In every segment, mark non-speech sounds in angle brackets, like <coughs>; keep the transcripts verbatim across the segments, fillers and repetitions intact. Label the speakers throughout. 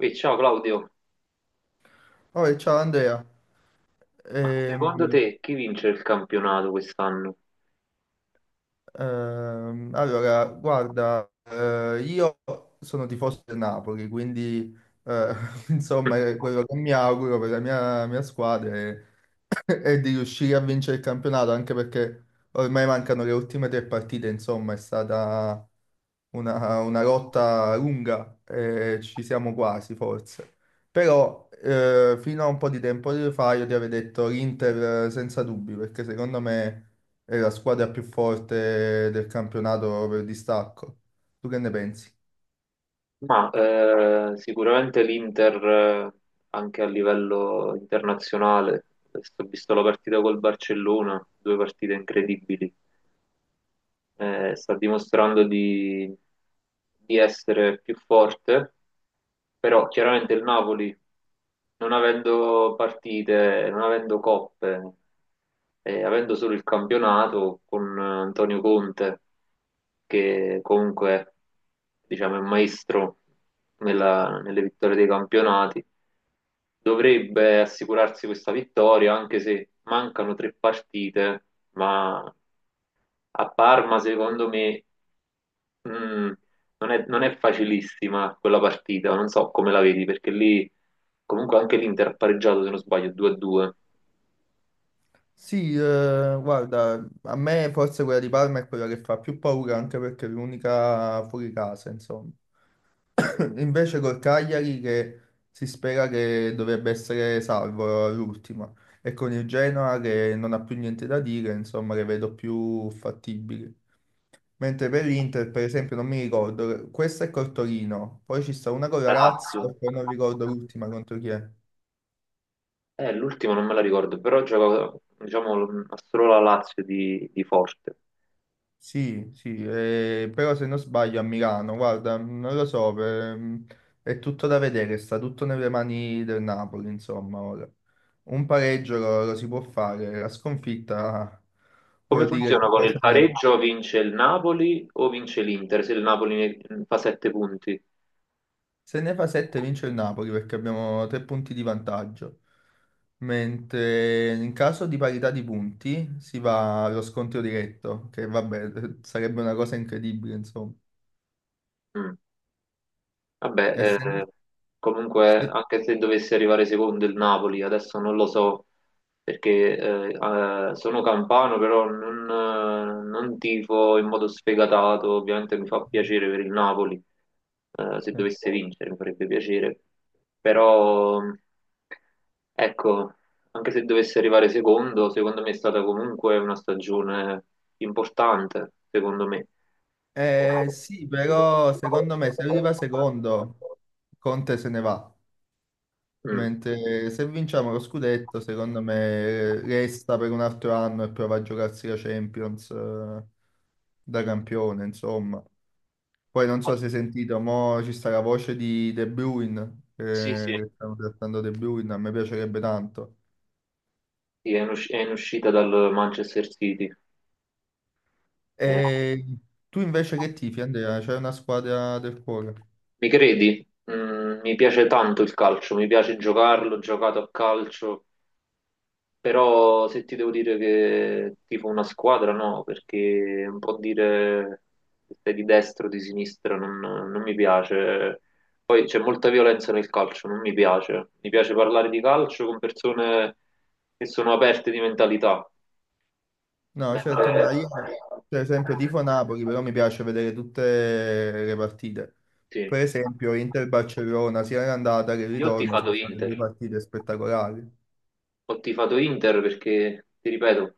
Speaker 1: Ehi, ciao Claudio,
Speaker 2: Poi, ciao Andrea.
Speaker 1: ma secondo
Speaker 2: Ehm,
Speaker 1: te chi vince il campionato quest'anno?
Speaker 2: ehm, allora, guarda, eh, io sono tifoso del Napoli, quindi eh, <laughs> insomma è quello che mi auguro per la mia, mia squadra è e di riuscire a vincere il campionato, anche perché ormai mancano le ultime tre partite, insomma, è stata una, una lotta lunga e ci siamo quasi, forse. Però eh, fino a un po' di tempo fa io ti avevo detto l'Inter eh, senza dubbi, perché secondo me è la squadra più forte del campionato per distacco. Tu che ne pensi?
Speaker 1: Ma eh, sicuramente l'Inter eh, anche a livello internazionale. Adesso ho visto la partita col Barcellona, due partite incredibili. Eh, sta dimostrando di, di essere più forte, però chiaramente il Napoli, non avendo partite, non avendo coppe, eh, avendo solo il campionato con eh, Antonio Conte, che comunque diciamo, è un maestro nella- nelle vittorie dei campionati, dovrebbe assicurarsi questa vittoria, anche se mancano tre partite, ma a Parma, secondo me, mh, non è, non è facilissima quella partita, non so come la vedi, perché lì comunque anche l'Inter ha pareggiato, se non sbaglio, due a due.
Speaker 2: Sì, eh, guarda, a me forse quella di Parma è quella che fa più paura anche perché è l'unica fuori casa, insomma. Invece col Cagliari che si spera che dovrebbe essere salvo all'ultima e con il Genoa che non ha più niente da dire, insomma, le vedo più fattibili. Mentre per l'Inter, per esempio, non mi ricordo, questa è col Torino, poi ci sta una con la
Speaker 1: La
Speaker 2: Lazio
Speaker 1: Lazio,
Speaker 2: e poi non ricordo l'ultima contro chi è.
Speaker 1: eh, l'ultima non me la ricordo, però gioca, diciamo, solo la Lazio di, di Forte.
Speaker 2: Sì, sì, eh, però se non sbaglio a Milano, guarda, non lo so, per- è tutto da vedere, sta tutto nelle mani del Napoli, insomma, ora. Un pareggio lo, lo si può fare, la sconfitta
Speaker 1: Come
Speaker 2: vuol dire
Speaker 1: funziona
Speaker 2: che
Speaker 1: con
Speaker 2: poi ci
Speaker 1: il
Speaker 2: andiamo.
Speaker 1: pareggio? Vince il Napoli o vince l'Inter? Se il Napoli ne- fa sette punti.
Speaker 2: Se ne fa sette vince il Napoli perché abbiamo tre punti di vantaggio, mentre in caso di parità di punti si va allo scontro diretto, che vabbè, <laughs> sarebbe una cosa incredibile, insomma.
Speaker 1: Mm. Vabbè, eh,
Speaker 2: Essendo...
Speaker 1: comunque anche se dovesse arrivare secondo il Napoli, adesso non lo so perché eh, eh, sono campano, però non, eh, non tifo in modo sfegatato, ovviamente mi fa piacere per il Napoli. Eh, se
Speaker 2: se-
Speaker 1: dovesse vincere mi farebbe piacere, però ecco, anche se dovesse arrivare secondo, secondo me è stata comunque una stagione importante, secondo me.
Speaker 2: eh, sì, però secondo me se arriva secondo, Conte se ne va.
Speaker 1: Mm.
Speaker 2: Mentre se vinciamo lo scudetto, secondo me resta per un altro anno e prova a giocarsi la Champions eh, da campione, insomma. Poi non so se hai sentito, mo ci sta la voce di De Bruyne,
Speaker 1: Sì,
Speaker 2: eh,
Speaker 1: sì,
Speaker 2: che stanno trattando De Bruyne, a me piacerebbe tanto.
Speaker 1: sì, è in, usci- è in uscita dal Manchester City. Eh,
Speaker 2: E tu invece che tifi, Andrea? C'è una squadra del cuore?
Speaker 1: Mi credi? Mm, mi piace tanto il calcio, mi piace giocarlo, ho giocato a calcio, però se ti devo dire che tipo una squadra, no, perché un po' dire se sei di destra o di sinistra non, non mi piace. Poi c'è molta violenza nel calcio, non mi piace. Mi piace parlare di calcio con persone che sono aperte di mentalità.
Speaker 2: No, certo,
Speaker 1: Mentre.
Speaker 2: ma io per esempio tifo Napoli, però mi piace vedere tutte le partite.
Speaker 1: Sì.
Speaker 2: Per esempio Inter-Barcellona, sia l'andata che il
Speaker 1: Io ho
Speaker 2: ritorno
Speaker 1: tifato
Speaker 2: sono state due
Speaker 1: Inter,
Speaker 2: partite spettacolari.
Speaker 1: ho tifato Inter perché, ti ripeto,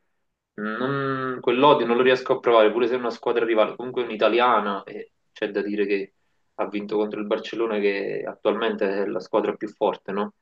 Speaker 1: non- quell'odio non lo riesco a provare, pure se è una squadra rivale, comunque è un'italiana e c'è da dire che ha vinto contro il Barcellona che attualmente è la squadra più forte, no?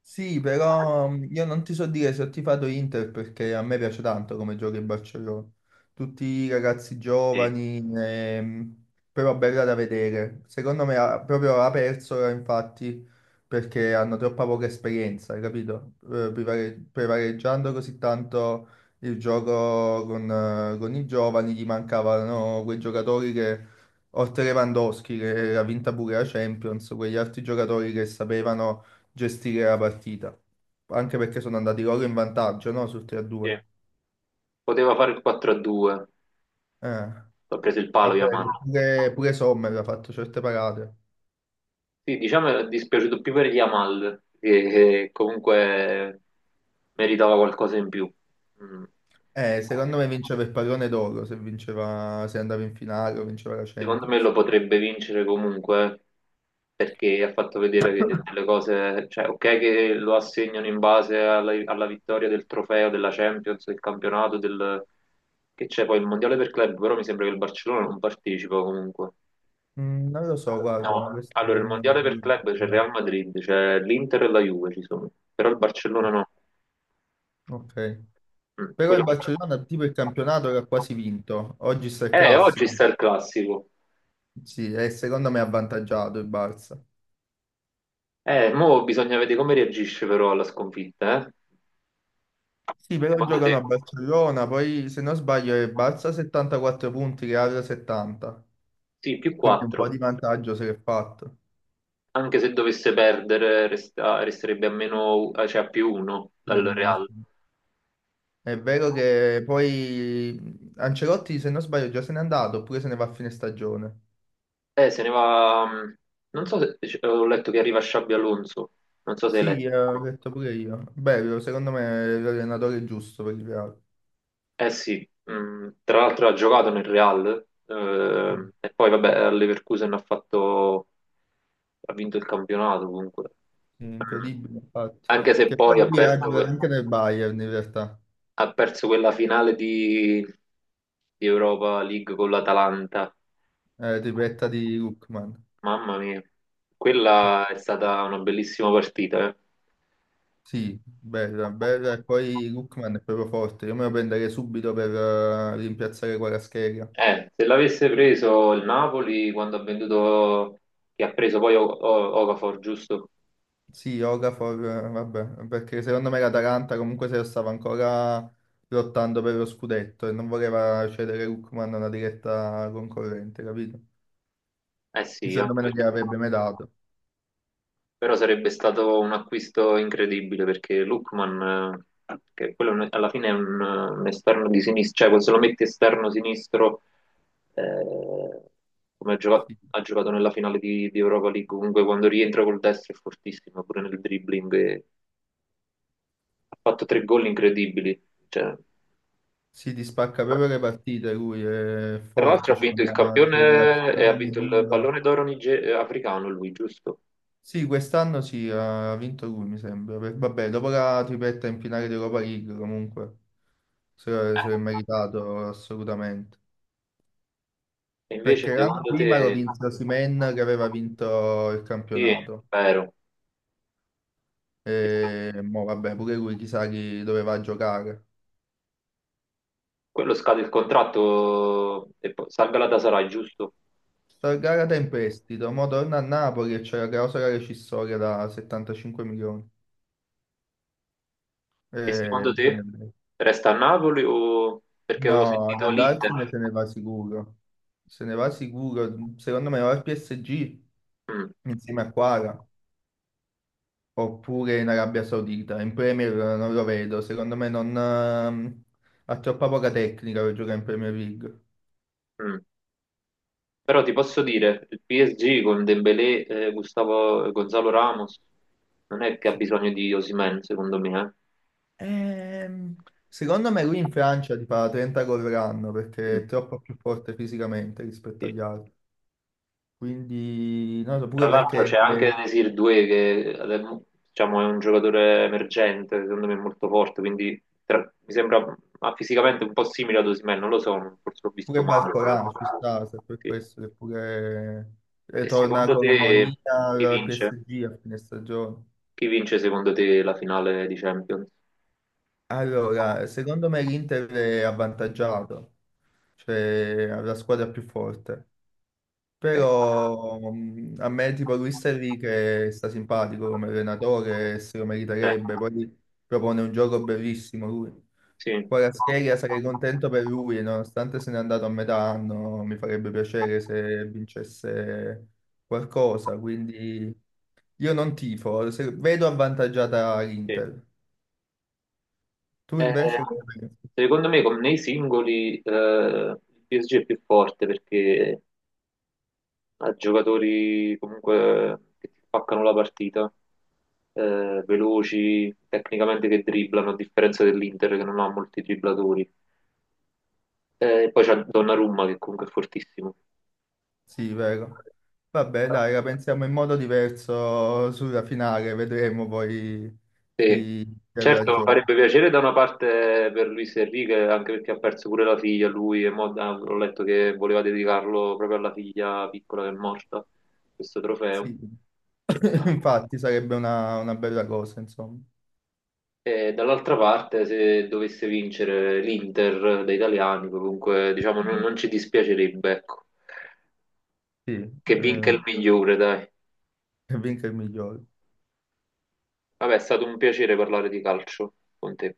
Speaker 2: Sì, però mh, io non ti so dire se ho tifato Inter perché a me piace tanto come gioca il Barcellona. Tutti i ragazzi
Speaker 1: Sì.
Speaker 2: giovani, ehm, però bella da vedere. Secondo me ha, proprio ha perso, ora, infatti, perché hanno troppa poca esperienza, hai capito? Eh, prevare- prevaleggiando così tanto il gioco con, eh, con i giovani, gli mancavano quei giocatori che, oltre Lewandowski, che ha vinto pure la Champions, quegli altri giocatori che sapevano gestire la partita, anche perché sono andati loro in vantaggio, no? Sul tre a due.
Speaker 1: Sì. Poteva fare il quattro a due,
Speaker 2: Eh,
Speaker 1: ha preso il palo
Speaker 2: vabbè,
Speaker 1: Yamal.
Speaker 2: che pure, pure Sommer ha fatto certe parate.
Speaker 1: Sì, diciamo è dispiaciuto più per Yamal, che, che comunque meritava qualcosa in più. Mm.
Speaker 2: Eh, secondo me vinceva il pallone d'oro se vinceva, se andava in finale o vinceva la
Speaker 1: Secondo me
Speaker 2: Champions.
Speaker 1: lo potrebbe vincere comunque perché ha fatto vedere che delle cose, cioè ok che lo assegnano in base alla, alla vittoria del trofeo, della Champions, del campionato, del, che c'è poi il mondiale per club, però mi sembra che il Barcellona non partecipa comunque.
Speaker 2: Mm, non lo so, guarda,
Speaker 1: No,
Speaker 2: questo
Speaker 1: allora il
Speaker 2: non... non-
Speaker 1: mondiale per club c'è il Real Madrid, c'è l'Inter e la Juve ci sono, però il Barcellona no.
Speaker 2: ok.
Speaker 1: Mm,
Speaker 2: Però il
Speaker 1: quello che-.
Speaker 2: Barcellona tipo il campionato era quasi vinto, oggi sta il
Speaker 1: Eh, oggi
Speaker 2: classico.
Speaker 1: sta il classico.
Speaker 2: Sì, e secondo me è avvantaggiato il Barça.
Speaker 1: Eh, mo bisogna vedere come reagisce però alla sconfitta, eh?
Speaker 2: Sì, però
Speaker 1: Secondo
Speaker 2: giocano
Speaker 1: te?
Speaker 2: a Barcellona, poi se non sbaglio è Barça settantaquattro punti, Real settanta,
Speaker 1: Sì, più
Speaker 2: quindi un po'
Speaker 1: quattro.
Speaker 2: di vantaggio se l'è fatto.
Speaker 1: Anche se dovesse perdere, resta- resterebbe a meno, eh, cioè a più uno dal
Speaker 2: Quindi, no, sì.
Speaker 1: Real.
Speaker 2: È vero che poi Ancelotti, se non sbaglio, già se n'è andato oppure se ne va a fine stagione.
Speaker 1: Eh, se ne va. mh, Non so se c- ho letto che arriva Xabi Alonso. Non so se hai
Speaker 2: Sì,
Speaker 1: letto.
Speaker 2: eh, ho detto pure io. Bello, secondo me è l'allenatore giusto per il Real.
Speaker 1: Eh sì, mh, tra l'altro ha giocato nel Real.
Speaker 2: Mm.
Speaker 1: Ehm, e poi, vabbè, al Leverkusen ha fatto. Ha vinto il campionato comunque.
Speaker 2: Sì,
Speaker 1: Mm.
Speaker 2: incredibile, infatti.
Speaker 1: Anche se
Speaker 2: Che poi
Speaker 1: poi ha
Speaker 2: lui ha
Speaker 1: perso,
Speaker 2: giocato
Speaker 1: que-
Speaker 2: anche nel Bayern, in realtà,
Speaker 1: ha perso quella finale di, di Europa League con l'Atalanta.
Speaker 2: eh, tripletta di Lookman.
Speaker 1: Mamma mia, quella è stata una bellissima partita. Eh,
Speaker 2: Sì, Berra, Berra e poi Lookman è proprio forte. Io me lo prenderei subito per eh, rimpiazzare Kvaratskhelia.
Speaker 1: Eh, se l'avesse preso il Napoli quando ha venduto, che ha preso poi O- O- Okafor, giusto?
Speaker 2: Sì, Okafor, eh, vabbè, perché secondo me l'Atalanta comunque se lo stava ancora lottando per lo scudetto e non voleva cedere Lookman a una diretta concorrente, capito?
Speaker 1: Eh sì,
Speaker 2: Quindi
Speaker 1: anche
Speaker 2: secondo me non
Speaker 1: perché.
Speaker 2: gliel'avrebbe mai dato.
Speaker 1: Però sarebbe stato un acquisto incredibile perché Lookman, eh, che quello è un- alla fine è un, un esterno di sinistra, cioè se lo metti esterno sinistro, eh, come ha giocato,
Speaker 2: Sì.
Speaker 1: ha giocato nella finale di, di Europa League, comunque quando rientra col destro è fortissimo, pure nel dribbling. Ha fatto tre gol incredibili. Cioè,
Speaker 2: Sì, ti spacca proprio le partite lui, è
Speaker 1: tra
Speaker 2: forte,
Speaker 1: l'altro ha
Speaker 2: c'è
Speaker 1: vinto il
Speaker 2: una
Speaker 1: campione e ha
Speaker 2: accelerazione,
Speaker 1: vinto il
Speaker 2: tiro.
Speaker 1: pallone d'oro nige- eh, africano lui, giusto?
Speaker 2: Sì, quest'anno sì, ha vinto lui, mi sembra. Per- vabbè, dopo la tripletta in finale di Europa League, comunque, se, se l'è meritato assolutamente.
Speaker 1: E invece
Speaker 2: Perché l'anno
Speaker 1: secondo
Speaker 2: prima lo
Speaker 1: te?
Speaker 2: vinse Osimhen che aveva vinto il
Speaker 1: Sì, è
Speaker 2: campionato.
Speaker 1: vero. E se
Speaker 2: E mo, vabbè, pure lui chissà chi doveva giocare.
Speaker 1: quello scade il contratto e poi salga la Tasarai, giusto?
Speaker 2: Sta gara da in prestito, mo torna a Napoli e c'è la clausola rescissoria da settantacinque milioni.
Speaker 1: E
Speaker 2: E
Speaker 1: secondo te
Speaker 2: bisogna vedere.
Speaker 1: resta a Napoli o perché avevo
Speaker 2: No, ad
Speaker 1: sentito l'Inter?
Speaker 2: andarsene se ne va sicuro. Se ne va sicuro. Secondo me va al P S G
Speaker 1: Mm,
Speaker 2: insieme a Quara, oppure in Arabia Saudita. In Premier non lo vedo, secondo me non, ehm, ha troppa poca tecnica per giocare in Premier League.
Speaker 1: mm. Però ti posso dire, il P S G con Dembélé, eh, Gustavo, Gonzalo Ramos non è che ha
Speaker 2: Sì.
Speaker 1: bisogno di Osimhen, secondo me,
Speaker 2: Ehm, Secondo me lui
Speaker 1: eh.
Speaker 2: in Francia ti fa trenta gol l'anno perché
Speaker 1: Mm.
Speaker 2: è troppo più forte fisicamente rispetto
Speaker 1: Sì.
Speaker 2: agli altri. Quindi, non lo so,
Speaker 1: Tra
Speaker 2: pure
Speaker 1: l'altro
Speaker 2: perché
Speaker 1: c'è anche Desir doué che adem- diciamo, è un giocatore emergente, secondo me molto forte, quindi tra- mi sembra ma fisicamente un po' simile ad Osimhen, non lo so, forse l'ho visto
Speaker 2: pure
Speaker 1: male. Però-
Speaker 2: Barcolà ci sta, se per
Speaker 1: sì.
Speaker 2: questo che pure eh,
Speaker 1: E
Speaker 2: torna
Speaker 1: secondo te
Speaker 2: Colomonia
Speaker 1: chi
Speaker 2: al
Speaker 1: vince?
Speaker 2: P S G a fine stagione.
Speaker 1: Chi vince secondo te la finale di Champions?
Speaker 2: Allora, secondo me l'Inter è avvantaggiato, cioè ha la squadra più forte,
Speaker 1: Ok,
Speaker 2: però mh, a me tipo Luis Enrique sta simpatico come allenatore, se lo
Speaker 1: cioè,
Speaker 2: meriterebbe, poi propone un gioco bellissimo lui.
Speaker 1: sì,
Speaker 2: Kvaratskhelia sarei contento per lui, nonostante se n'è andato a metà anno, mi farebbe piacere se vincesse qualcosa, quindi io non tifo, se- vedo avvantaggiata
Speaker 1: sì.
Speaker 2: l'Inter. Tu
Speaker 1: Eh,
Speaker 2: invece? Che ne pensi?
Speaker 1: Secondo me con nei singoli eh, il P S G è più forte perché a giocatori comunque che ti spaccano la partita, eh, veloci, tecnicamente che dribblano, a differenza dell'Inter che non ha molti dribblatori. Eh, E poi c'è Donnarumma che comunque è fortissimo.
Speaker 2: Sì, vero. Vabbè, dai, la pensiamo in modo diverso sulla finale, vedremo poi
Speaker 1: Sì.
Speaker 2: chi chi ha
Speaker 1: Certo,
Speaker 2: ragione.
Speaker 1: farebbe piacere da una parte per Luis Enrique, anche perché ha perso pure la figlia lui, e mo, ah, ho letto che voleva dedicarlo proprio alla figlia piccola che è morta, questo trofeo.
Speaker 2: Sì, <coughs> <laughs> infatti sarebbe una, una bella cosa, insomma.
Speaker 1: E dall'altra parte, se dovesse vincere l'Inter dei italiani, comunque diciamo non, non ci dispiacerebbe, ecco.
Speaker 2: Sì,
Speaker 1: Che vinca
Speaker 2: eh,
Speaker 1: il migliore, dai.
Speaker 2: che vinca il migliore.
Speaker 1: Vabbè, è stato un piacere parlare di calcio con te.